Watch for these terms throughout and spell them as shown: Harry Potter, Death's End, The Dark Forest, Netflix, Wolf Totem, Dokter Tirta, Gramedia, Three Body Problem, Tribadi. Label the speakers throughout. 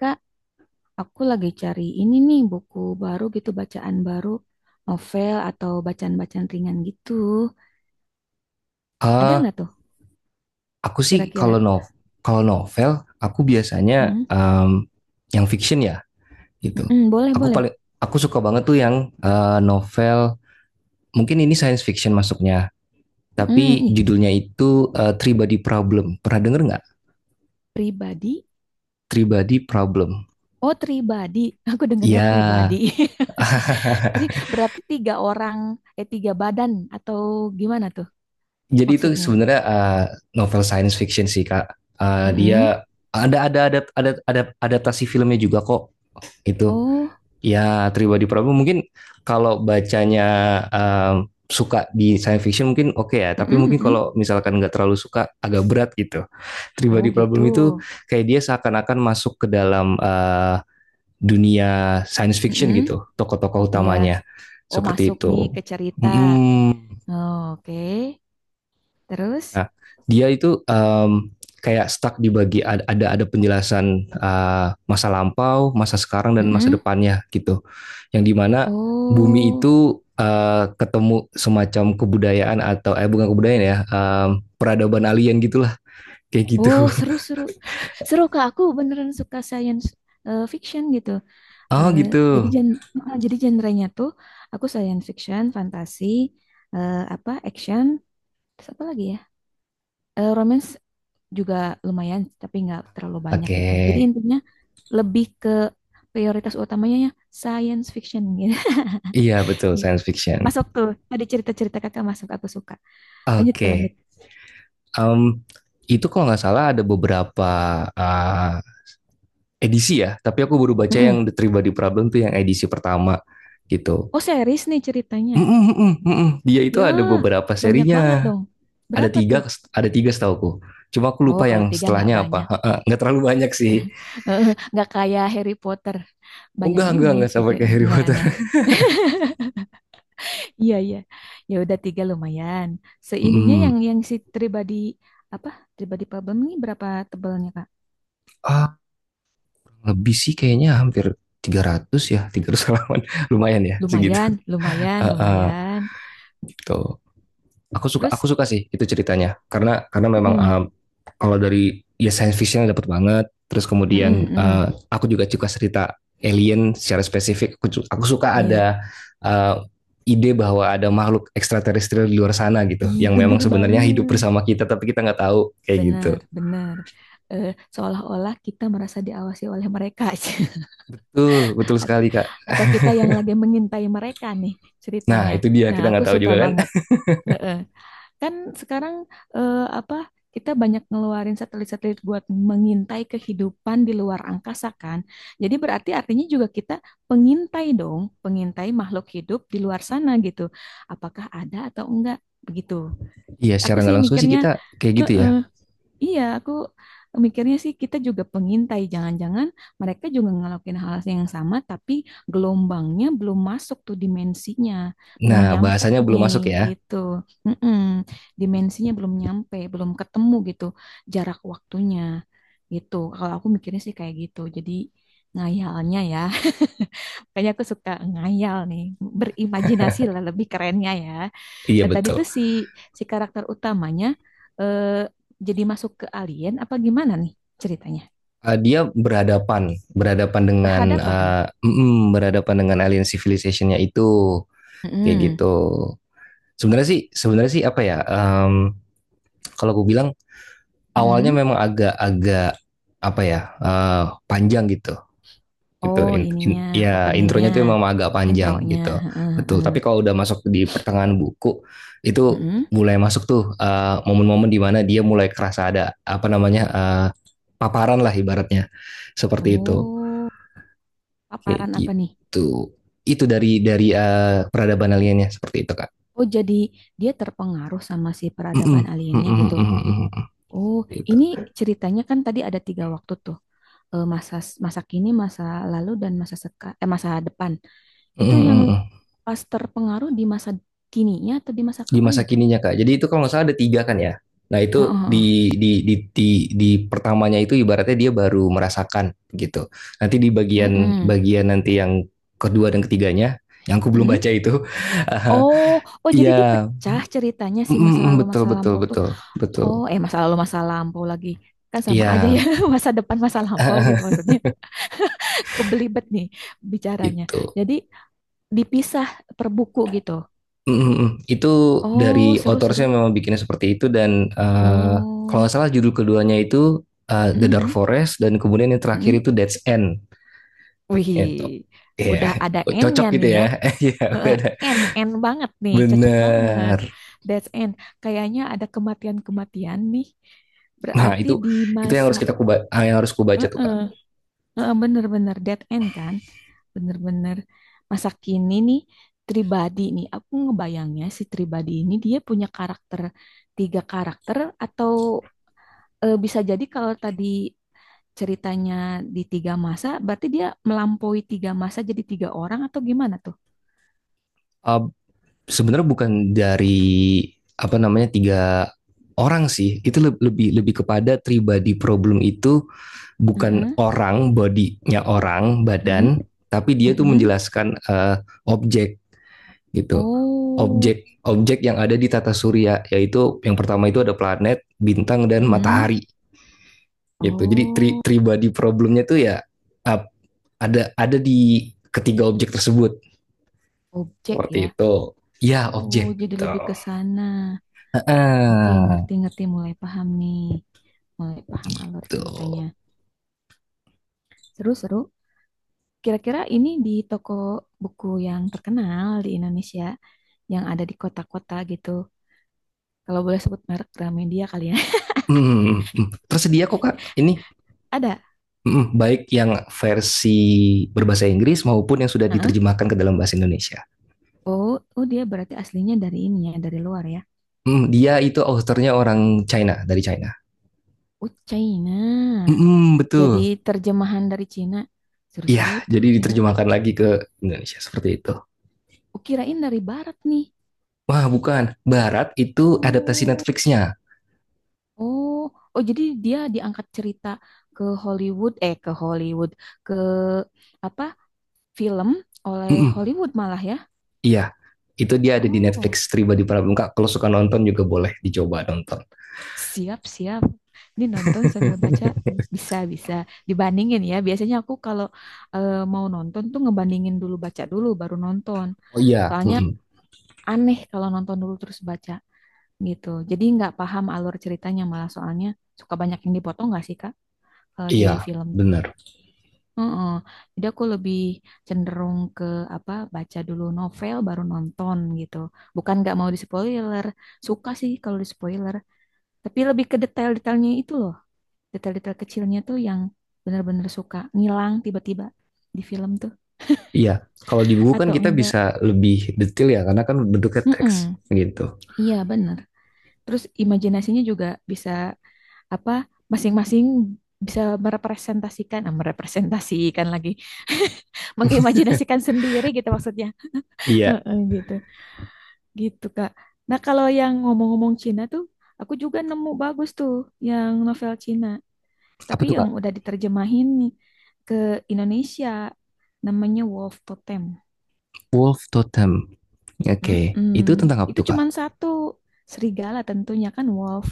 Speaker 1: Kak, aku lagi cari ini nih buku baru gitu, bacaan baru, novel atau bacaan-bacaan ringan gitu. Ada
Speaker 2: Eh,
Speaker 1: nggak tuh
Speaker 2: aku sih
Speaker 1: kira-kira?
Speaker 2: kalau novel aku biasanya
Speaker 1: Mm-mm.
Speaker 2: em, yang fiction ya gitu.
Speaker 1: Mm-mm, boleh,
Speaker 2: Aku
Speaker 1: boleh.
Speaker 2: paling aku suka banget tuh yang novel mungkin ini science fiction masuknya
Speaker 1: Mm-mm,
Speaker 2: tapi
Speaker 1: Ih,
Speaker 2: judulnya itu Three Body Problem. Pernah denger nggak?
Speaker 1: pribadi.
Speaker 2: Three Body Problem.
Speaker 1: Oh, pribadi. Aku
Speaker 2: Iya.
Speaker 1: dengernya pribadi. Berarti tiga orang, tiga badan atau gimana tuh
Speaker 2: Jadi itu
Speaker 1: maksudnya?
Speaker 2: sebenarnya novel science fiction sih, Kak. Eh,
Speaker 1: Mm-mm.
Speaker 2: dia ada adaptasi filmnya juga kok itu.
Speaker 1: Oh,
Speaker 2: Ya, Tribadi Prabu mungkin kalau bacanya suka di science fiction mungkin oke okay ya, tapi
Speaker 1: mm-mm,
Speaker 2: mungkin
Speaker 1: mm-mm.
Speaker 2: kalau misalkan nggak terlalu suka agak berat gitu.
Speaker 1: Oh
Speaker 2: Tribadi Prabu
Speaker 1: gitu.
Speaker 2: itu kayak dia seakan-akan masuk ke dalam dunia science fiction
Speaker 1: Mm-mm.
Speaker 2: gitu, tokoh-tokoh
Speaker 1: Iya.
Speaker 2: utamanya
Speaker 1: Oh,
Speaker 2: seperti
Speaker 1: masuk
Speaker 2: itu.
Speaker 1: nih ke cerita.
Speaker 2: Mm-mm.
Speaker 1: Oh, oke. Terus?
Speaker 2: Nah, dia itu kayak stuck di bagi ada penjelasan masa lampau, masa sekarang, dan masa
Speaker 1: Mm-mm.
Speaker 2: depannya gitu. Yang dimana bumi
Speaker 1: Oh,
Speaker 2: itu ketemu semacam kebudayaan atau bukan kebudayaan ya, peradaban alien gitulah kayak gitu.
Speaker 1: oh, seru seru. Seru, kak. Aku beneran suka science fiction gitu.
Speaker 2: Oh
Speaker 1: Eh,
Speaker 2: gitu.
Speaker 1: jadi gen jadi genrenya tuh aku science fiction, fantasi, apa action, terus apa lagi ya? Romance juga lumayan, tapi nggak terlalu banyak
Speaker 2: Oke,
Speaker 1: gitu. Jadi intinya lebih ke prioritas utamanya ya science fiction gitu.
Speaker 2: iya, betul
Speaker 1: Gitu.
Speaker 2: science fiction.
Speaker 1: Masuk tuh tadi cerita-cerita kakak masuk aku suka. Lanjut ke lanjut.
Speaker 2: Oke, um, itu kalau nggak salah ada beberapa uh, edisi ya, tapi aku baru baca
Speaker 1: Mm-mm.
Speaker 2: yang The Three Body Problem tuh yang edisi pertama gitu.
Speaker 1: Oh, series nih ceritanya.
Speaker 2: Mm, mm, mm, mm, mm. Dia itu
Speaker 1: Ya,
Speaker 2: ada beberapa
Speaker 1: banyak banget
Speaker 2: serinya.
Speaker 1: dong.
Speaker 2: ada
Speaker 1: Berapa
Speaker 2: tiga
Speaker 1: tuh?
Speaker 2: ada tiga setahuku, cuma aku
Speaker 1: Oh,
Speaker 2: lupa
Speaker 1: kalau
Speaker 2: yang
Speaker 1: tiga nggak
Speaker 2: setelahnya apa.
Speaker 1: banyak.
Speaker 2: Nggak terlalu banyak sih.
Speaker 1: Nggak kayak Harry Potter.
Speaker 2: Oh,
Speaker 1: Banyak
Speaker 2: enggak enggak
Speaker 1: banget
Speaker 2: enggak
Speaker 1: gitu.
Speaker 2: sampai
Speaker 1: Ya.
Speaker 2: kayak Harry
Speaker 1: Nggak,
Speaker 2: Potter.
Speaker 1: nggak. Iya, iya. Ya udah tiga lumayan. Seininya
Speaker 2: hmm,
Speaker 1: yang si pribadi apa? Pribadi problem ini berapa tebalnya, Kak?
Speaker 2: ah lebih sih kayaknya hampir 300, ya 300 halaman. Lumayan ya segitu.
Speaker 1: Lumayan, lumayan,
Speaker 2: uh, uh,
Speaker 1: lumayan.
Speaker 2: gitu. Aku suka,
Speaker 1: Terus,
Speaker 2: sih itu ceritanya karena memang
Speaker 1: mm,
Speaker 2: kalau dari ya science fiction dapat banget, terus
Speaker 1: mm,
Speaker 2: kemudian
Speaker 1: mm, mm.
Speaker 2: aku juga suka cerita alien. Secara spesifik aku suka
Speaker 1: Iya.
Speaker 2: ada eh, ide bahwa ada makhluk ekstraterestrial di luar sana gitu,
Speaker 1: Ih,
Speaker 2: yang memang
Speaker 1: bener
Speaker 2: sebenarnya hidup
Speaker 1: banget.
Speaker 2: bersama kita tapi kita nggak tahu kayak gitu.
Speaker 1: Benar, benar. Eh, Seolah-olah kita merasa diawasi oleh mereka.
Speaker 2: Betul betul sekali, Kak.
Speaker 1: Atau kita yang lagi mengintai mereka nih
Speaker 2: Nah,
Speaker 1: ceritanya.
Speaker 2: itu dia,
Speaker 1: Nah,
Speaker 2: kita nggak
Speaker 1: aku
Speaker 2: tahu
Speaker 1: suka
Speaker 2: juga kan.
Speaker 1: banget. Heeh. Kan sekarang apa, kita banyak ngeluarin satelit-satelit buat mengintai kehidupan di luar angkasa kan. Jadi berarti artinya juga kita pengintai dong, pengintai makhluk hidup di luar sana gitu. Apakah ada atau enggak begitu.
Speaker 2: Iya, secara
Speaker 1: Aku sih
Speaker 2: nggak langsung sih
Speaker 1: mikirnya,
Speaker 2: kita kayak gitu ya.
Speaker 1: heeh. Iya, aku mikirnya sih kita juga pengintai. Jangan-jangan mereka juga ngelakuin hal yang sama, tapi gelombangnya belum masuk tuh dimensinya, belum
Speaker 2: Nah,
Speaker 1: nyampe
Speaker 2: bahasanya belum
Speaker 1: nih
Speaker 2: masuk ya.
Speaker 1: gitu. Mm-mm. Dimensinya belum nyampe, belum ketemu gitu jarak waktunya gitu. Kalau aku mikirnya sih kayak gitu. Jadi ngayalnya ya, kayaknya aku suka ngayal nih, berimajinasi lah lebih kerennya ya.
Speaker 2: Iya,
Speaker 1: Nah, tadi
Speaker 2: betul.
Speaker 1: tuh si si karakter utamanya, eh, jadi masuk ke alien apa gimana nih ceritanya?
Speaker 2: Dia berhadapan berhadapan dengan
Speaker 1: Berhadapan.
Speaker 2: eh, mm, mm, berhadapan dengan alien civilizationnya itu kayak
Speaker 1: Mm-mm.
Speaker 2: gitu. Sebenarnya sih apa ya? Kalau gue bilang awalnya
Speaker 1: Mm-mm.
Speaker 2: memang agak-agak apa ya, eh, panjang gitu. Gitu.
Speaker 1: Oh, ininya,
Speaker 2: Ya,
Speaker 1: openingnya,
Speaker 2: intronya tuh memang agak panjang
Speaker 1: intronya.
Speaker 2: gitu.
Speaker 1: Heeh,
Speaker 2: Betul.
Speaker 1: heeh.
Speaker 2: Tapi kalau udah masuk di pertengahan buku itu,
Speaker 1: Mm-mm.
Speaker 2: mulai masuk tuh momen-momen di mana dia mulai kerasa ada apa namanya, paparan lah ibaratnya. Seperti itu.
Speaker 1: Oh,
Speaker 2: Kayak
Speaker 1: paparan apa nih?
Speaker 2: gitu. Itu dari peradaban aliennya seperti itu, Kak.
Speaker 1: Oh, jadi dia terpengaruh sama si peradaban
Speaker 2: Mm-mm,
Speaker 1: aliennya gitu.
Speaker 2: mm-mm, mm-mm.
Speaker 1: Oh,
Speaker 2: Gitu.
Speaker 1: ini ceritanya kan tadi ada tiga waktu tuh. Eh, Masa masa kini, masa lalu, dan masa masa depan. Itu
Speaker 2: Mhm
Speaker 1: yang
Speaker 2: mhm.
Speaker 1: pas terpengaruh di masa kininya atau di masa
Speaker 2: Di
Speaker 1: kapannya
Speaker 2: masa
Speaker 1: tuh?
Speaker 2: kininya, Kak. Jadi itu kalau nggak salah ada 3 kan ya? Nah
Speaker 1: Heeh,
Speaker 2: itu
Speaker 1: heeh.
Speaker 2: di di di di di pertamanya itu ibaratnya dia baru merasakan gitu. Nanti di bagian
Speaker 1: Mm-mm.
Speaker 2: bagian nanti yang kedua dan ketiganya, yang aku belum baca itu,
Speaker 1: Oh, oh, jadi
Speaker 2: iya,
Speaker 1: dipecah ceritanya si
Speaker 2: mhm
Speaker 1: masa
Speaker 2: mhm,
Speaker 1: lalu
Speaker 2: betul
Speaker 1: masa
Speaker 2: betul
Speaker 1: lampau tuh.
Speaker 2: betul betul,
Speaker 1: Oh, masa lalu masa lampau lagi. Kan sama aja ya,
Speaker 2: iya,
Speaker 1: masa depan masa lampau gitu maksudnya. Kebelibet nih bicaranya.
Speaker 2: gitu.
Speaker 1: Jadi dipisah per buku gitu.
Speaker 2: Mhm mhm. Itu
Speaker 1: Oh,
Speaker 2: dari author-nya
Speaker 1: seru-seru.
Speaker 2: memang bikinnya seperti itu dan, kalau nggak
Speaker 1: Oh.
Speaker 2: salah judul keduanya itu, The Dark
Speaker 1: Mm-mm.
Speaker 2: Forest dan kemudian yang terakhir
Speaker 1: Mm.
Speaker 2: itu Death's End. Itu.
Speaker 1: Wih,
Speaker 2: Iya,
Speaker 1: udah ada
Speaker 2: cocok
Speaker 1: N-nya
Speaker 2: gitu
Speaker 1: nih
Speaker 2: ya.
Speaker 1: ya.
Speaker 2: Iya, udah
Speaker 1: Heeh,
Speaker 2: ada.
Speaker 1: end end banget nih, cocok banget.
Speaker 2: Bener.
Speaker 1: That's end. Kayaknya ada kematian-kematian nih.
Speaker 2: Nah,
Speaker 1: Berarti
Speaker 2: itu
Speaker 1: di
Speaker 2: itu
Speaker 1: masa,
Speaker 2: yang harus kubaca tuh,
Speaker 1: heeh,
Speaker 2: Kak.
Speaker 1: heeh, bener-bener dead end kan? Bener-bener masa kini nih Tribadi nih. Aku ngebayangnya si Tribadi ini dia punya karakter, tiga karakter, atau bisa jadi kalau tadi ceritanya di tiga masa, berarti dia melampaui tiga masa jadi tiga orang atau gimana tuh?
Speaker 2: Eh, sebenarnya bukan dari apa namanya tiga orang sih. Itu le- lebih lebih kepada tribadi problem itu bukan
Speaker 1: Heeh,
Speaker 2: orang, bodinya orang,
Speaker 1: heeh,
Speaker 2: badan, tapi dia tuh
Speaker 1: heeh.
Speaker 2: menjelaskan objek gitu.
Speaker 1: Oh,
Speaker 2: Objek objek yang ada di tata surya, yaitu yang pertama itu ada planet, bintang, dan
Speaker 1: mm.
Speaker 2: matahari gitu. Jadi tri
Speaker 1: Oh,
Speaker 2: tribadi problemnya tuh ya ada di ketiga objek tersebut
Speaker 1: objek
Speaker 2: seperti
Speaker 1: ya.
Speaker 2: itu, ya
Speaker 1: Oh,
Speaker 2: objek
Speaker 1: jadi lebih
Speaker 2: tuh.
Speaker 1: ke sana. Oke,
Speaker 2: Heeh,
Speaker 1: ngerti-ngerti mulai paham nih. Mulai paham alur
Speaker 2: gitu.
Speaker 1: ceritanya. Seru-seru. Kira-kira ini di toko buku yang terkenal di Indonesia, yang ada di kota-kota gitu. Kalau boleh sebut merek, Gramedia kali ya.
Speaker 2: Hmm, hmm. Tersedia kok, Kak, ini.
Speaker 1: Ada.
Speaker 2: Hmm, baik yang versi berbahasa Inggris maupun yang sudah
Speaker 1: Heeh.
Speaker 2: diterjemahkan ke dalam bahasa Indonesia.
Speaker 1: Oh, oh, dia berarti aslinya dari ini ya, dari luar ya.
Speaker 2: Hmm, dia itu authornya orang China, dari China.
Speaker 1: Oh, China.
Speaker 2: Hmm,
Speaker 1: Jadi
Speaker 2: betul.
Speaker 1: terjemahan dari Cina.
Speaker 2: Iya,
Speaker 1: Seru-seru tuh
Speaker 2: jadi
Speaker 1: Cina.
Speaker 2: diterjemahkan lagi ke Indonesia seperti itu.
Speaker 1: Oh, kirain dari barat nih.
Speaker 2: Wah, bukan. Barat itu adaptasi
Speaker 1: Oh,
Speaker 2: Netflix-nya.
Speaker 1: oh, oh, jadi dia diangkat cerita ke Hollywood, ke Hollywood, ke apa? Film oleh
Speaker 2: Mm-mm,
Speaker 1: Hollywood malah ya.
Speaker 2: iya, itu dia ada di
Speaker 1: Oh,
Speaker 2: Netflix Tribadi Prabun, Kak. Kalau suka nonton juga boleh dicoba nonton.
Speaker 1: siap-siap. Ini nonton sambil baca bisa-bisa dibandingin ya. Biasanya aku kalau mau nonton tuh ngebandingin dulu, baca dulu baru nonton.
Speaker 2: Oh iya,
Speaker 1: Soalnya
Speaker 2: mm-mm.
Speaker 1: aneh kalau nonton dulu terus baca gitu. Jadi nggak paham alur ceritanya malah, soalnya suka banyak yang dipotong nggak sih Kak, di
Speaker 2: Iya,
Speaker 1: film?
Speaker 2: benar.
Speaker 1: Heeh. Jadi aku lebih cenderung ke apa, baca dulu novel baru nonton gitu. Bukan nggak mau di spoiler, suka sih kalau di spoiler, tapi lebih ke detail-detailnya itu loh. Detail-detail kecilnya tuh yang benar-benar suka ngilang tiba-tiba di film tuh
Speaker 2: Iya, kalau di buku kan
Speaker 1: atau
Speaker 2: kita
Speaker 1: enggak.
Speaker 2: bisa lebih detail ya, karena kan bentuknya teks
Speaker 1: Mm-mm.
Speaker 2: gitu.
Speaker 1: Iya bener. Terus imajinasinya juga bisa apa, masing-masing bisa merepresentasikan, merepresentasikan lagi, mengimajinasikan sendiri gitu maksudnya.
Speaker 2: Iya,
Speaker 1: Heeh, gitu. Gitu, Kak. Nah, kalau yang ngomong-ngomong Cina tuh, aku juga nemu bagus tuh yang novel Cina.
Speaker 2: apa
Speaker 1: Tapi
Speaker 2: tuh,
Speaker 1: yang
Speaker 2: Kak?
Speaker 1: udah diterjemahin nih ke Indonesia, namanya Wolf Totem.
Speaker 2: Wolf Totem. Oke,
Speaker 1: Mm-mm.
Speaker 2: itu tentang apa
Speaker 1: Itu
Speaker 2: tuh, Kak?
Speaker 1: cuman satu, serigala tentunya kan, wolf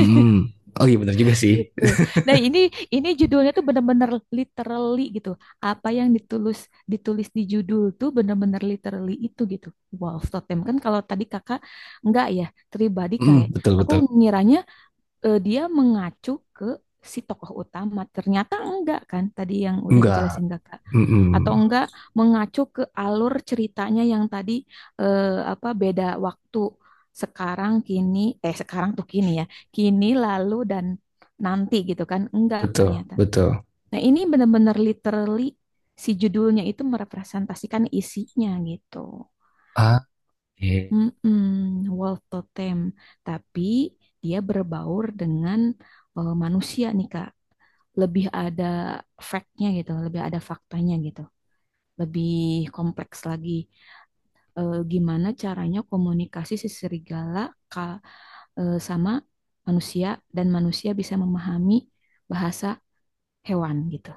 Speaker 2: Mm. Oh iya benar juga sih.
Speaker 1: gitu. Nah, ini judulnya tuh bener-bener literally gitu. Apa yang ditulis, ditulis di judul tuh bener-bener literally itu gitu. Wolf Totem kan kalau tadi Kakak enggak ya, pribadi kayak
Speaker 2: Mm, betul
Speaker 1: aku
Speaker 2: betul.
Speaker 1: ngiranya dia mengacu ke si tokoh utama. Ternyata enggak kan tadi yang udah
Speaker 2: Enggak.
Speaker 1: dijelasin kakak.
Speaker 2: Mm-mm.
Speaker 1: Atau enggak mengacu ke alur ceritanya yang tadi, eh, apa, beda waktu sekarang, kini, sekarang tuh kini ya. Kini, lalu, dan nanti gitu kan. Enggak
Speaker 2: Betul
Speaker 1: ternyata.
Speaker 2: betul.
Speaker 1: Nah, ini benar-benar literally si judulnya itu merepresentasikan isinya gitu.
Speaker 2: Ah, eh.
Speaker 1: Mm-mm, wolf totem, tapi dia berbaur dengan, manusia nih Kak. Lebih ada fact-nya gitu, lebih ada faktanya gitu, lebih kompleks lagi. Gimana caranya komunikasi si serigala, ka, sama manusia, dan manusia bisa memahami bahasa hewan gitu.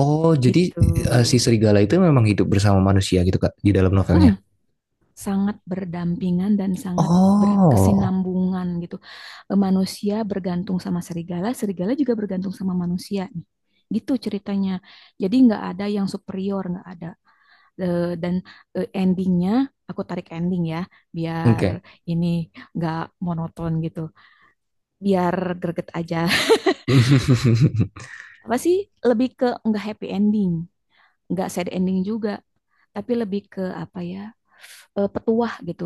Speaker 2: Oh, jadi
Speaker 1: Gitu.
Speaker 2: si serigala itu memang hidup bersama manusia gitu, Kak, di dalam
Speaker 1: Mm,
Speaker 2: novelnya.
Speaker 1: sangat berdampingan dan sangat
Speaker 2: Oh,
Speaker 1: berkesinambungan gitu. Manusia bergantung sama serigala, serigala juga bergantung sama manusia nih. Gitu ceritanya. Jadi nggak ada yang superior, nggak ada. Dan endingnya, aku tarik ending ya, biar
Speaker 2: oke.
Speaker 1: ini nggak monoton gitu, biar greget aja. Apa sih? Lebih ke nggak happy ending, nggak sad ending juga, tapi lebih ke apa ya? Petuah gitu.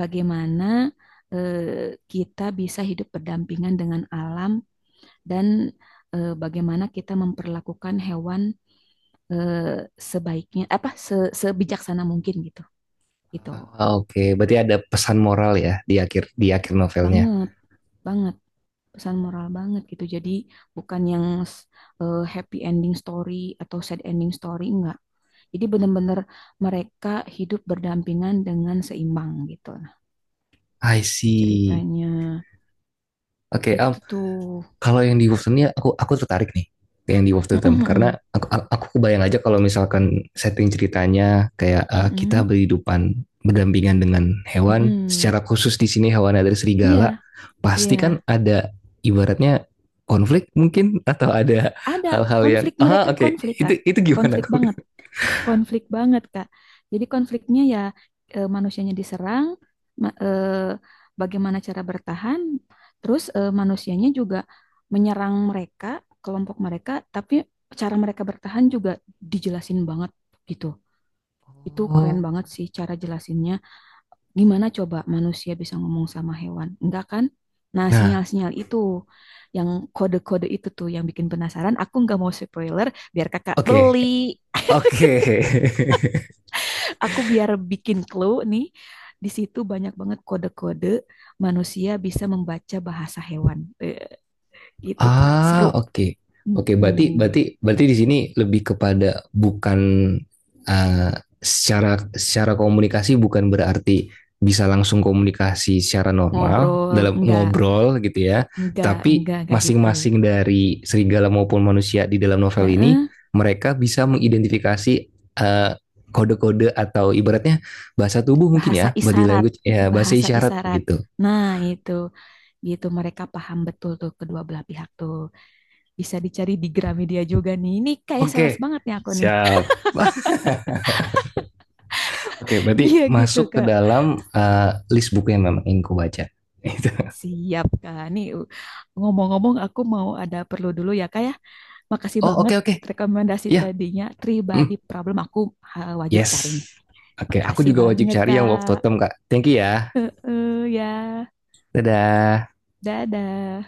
Speaker 1: Bagaimana eh, kita bisa hidup berdampingan dengan alam, dan bagaimana kita memperlakukan hewan sebaiknya apa, sebijaksana mungkin gitu. Gitu.
Speaker 2: Ah, oke, berarti ada pesan moral ya, di akhir, di akhir novelnya.
Speaker 1: Banget, banget, pesan moral banget gitu. Jadi bukan yang happy ending story atau sad ending story, enggak. Jadi benar-benar mereka hidup berdampingan dengan seimbang gitu lah
Speaker 2: I see.
Speaker 1: ceritanya.
Speaker 2: Oke,
Speaker 1: Gitu tuh.
Speaker 2: kalau yang di Wolverton ya aku tertarik nih ke yang di Wolverton karena
Speaker 1: Mm-mm-mm.
Speaker 2: aku kebayang aja kalau misalkan setting ceritanya kayak kita
Speaker 1: Mm-mm,
Speaker 2: berhidupan berdampingan dengan hewan,
Speaker 1: mm-mm.
Speaker 2: secara khusus di sini hewannya dari
Speaker 1: Iya,
Speaker 2: serigala,
Speaker 1: iya.
Speaker 2: pasti kan ada ibaratnya konflik mungkin atau ada
Speaker 1: Ada
Speaker 2: hal-hal yang
Speaker 1: konflik, mereka
Speaker 2: oke.
Speaker 1: konflik,
Speaker 2: itu
Speaker 1: Kak.
Speaker 2: itu gimana?
Speaker 1: Konflik banget, konflik banget, Kak. Jadi konfliknya ya, manusianya diserang, ma- eh, bagaimana cara bertahan, terus manusianya juga menyerang mereka, kelompok mereka, tapi cara mereka bertahan juga dijelasin banget gitu. Itu keren
Speaker 2: Oh.
Speaker 1: banget sih cara jelasinnya. Gimana coba manusia bisa ngomong sama hewan? Enggak kan? Nah,
Speaker 2: Nah,
Speaker 1: sinyal-sinyal itu, yang kode-kode itu tuh yang bikin penasaran. Aku nggak mau spoiler, biar kakak
Speaker 2: oke,
Speaker 1: beli.
Speaker 2: oke.
Speaker 1: Aku biar bikin clue nih. Di situ banyak banget kode-kode, manusia bisa membaca bahasa hewan. Gitu, Kak.
Speaker 2: Ah,
Speaker 1: Seru.
Speaker 2: oke.
Speaker 1: Mm,
Speaker 2: Oke, berarti
Speaker 1: mm,
Speaker 2: berarti berarti di sini lebih kepada bukan eh, secara secara komunikasi, bukan berarti bisa langsung komunikasi secara normal
Speaker 1: Ngobrol,
Speaker 2: dalam ngobrol gitu ya. Tapi
Speaker 1: enggak gitu.
Speaker 2: masing-masing dari serigala maupun manusia di dalam novel
Speaker 1: Ya,
Speaker 2: ini mereka bisa mengidentifikasi eh, kode-kode atau ibaratnya bahasa tubuh mungkin ya,
Speaker 1: bahasa
Speaker 2: body
Speaker 1: isyarat,
Speaker 2: language ya, bahasa
Speaker 1: bahasa
Speaker 2: isyarat
Speaker 1: isyarat.
Speaker 2: gitu.
Speaker 1: Nah, itu. Gitu mereka paham betul tuh, kedua belah pihak tuh. Bisa dicari di Gramedia juga nih, ini kayak sales
Speaker 2: Oke,
Speaker 1: banget nih aku nih.
Speaker 2: siap. Oke, berarti
Speaker 1: Iya, gitu
Speaker 2: masuk ke
Speaker 1: kak.
Speaker 2: dalam list buku yang memang ingin ku baca. Itu.
Speaker 1: Siap kak nih, ngomong-ngomong aku mau ada perlu dulu ya kak ya, makasih
Speaker 2: Oh,
Speaker 1: banget
Speaker 2: oke oke.
Speaker 1: rekomendasi
Speaker 2: Iya.
Speaker 1: tadinya,
Speaker 2: Hmm,
Speaker 1: Tribadi Problem aku wajib cari
Speaker 2: yes.
Speaker 1: nih.
Speaker 2: Oke, aku
Speaker 1: Makasih
Speaker 2: juga wajib
Speaker 1: banget
Speaker 2: cari yang Wolf
Speaker 1: kak,
Speaker 2: Totem, Kak. Thank you ya.
Speaker 1: ya,
Speaker 2: Dadah.
Speaker 1: dadah.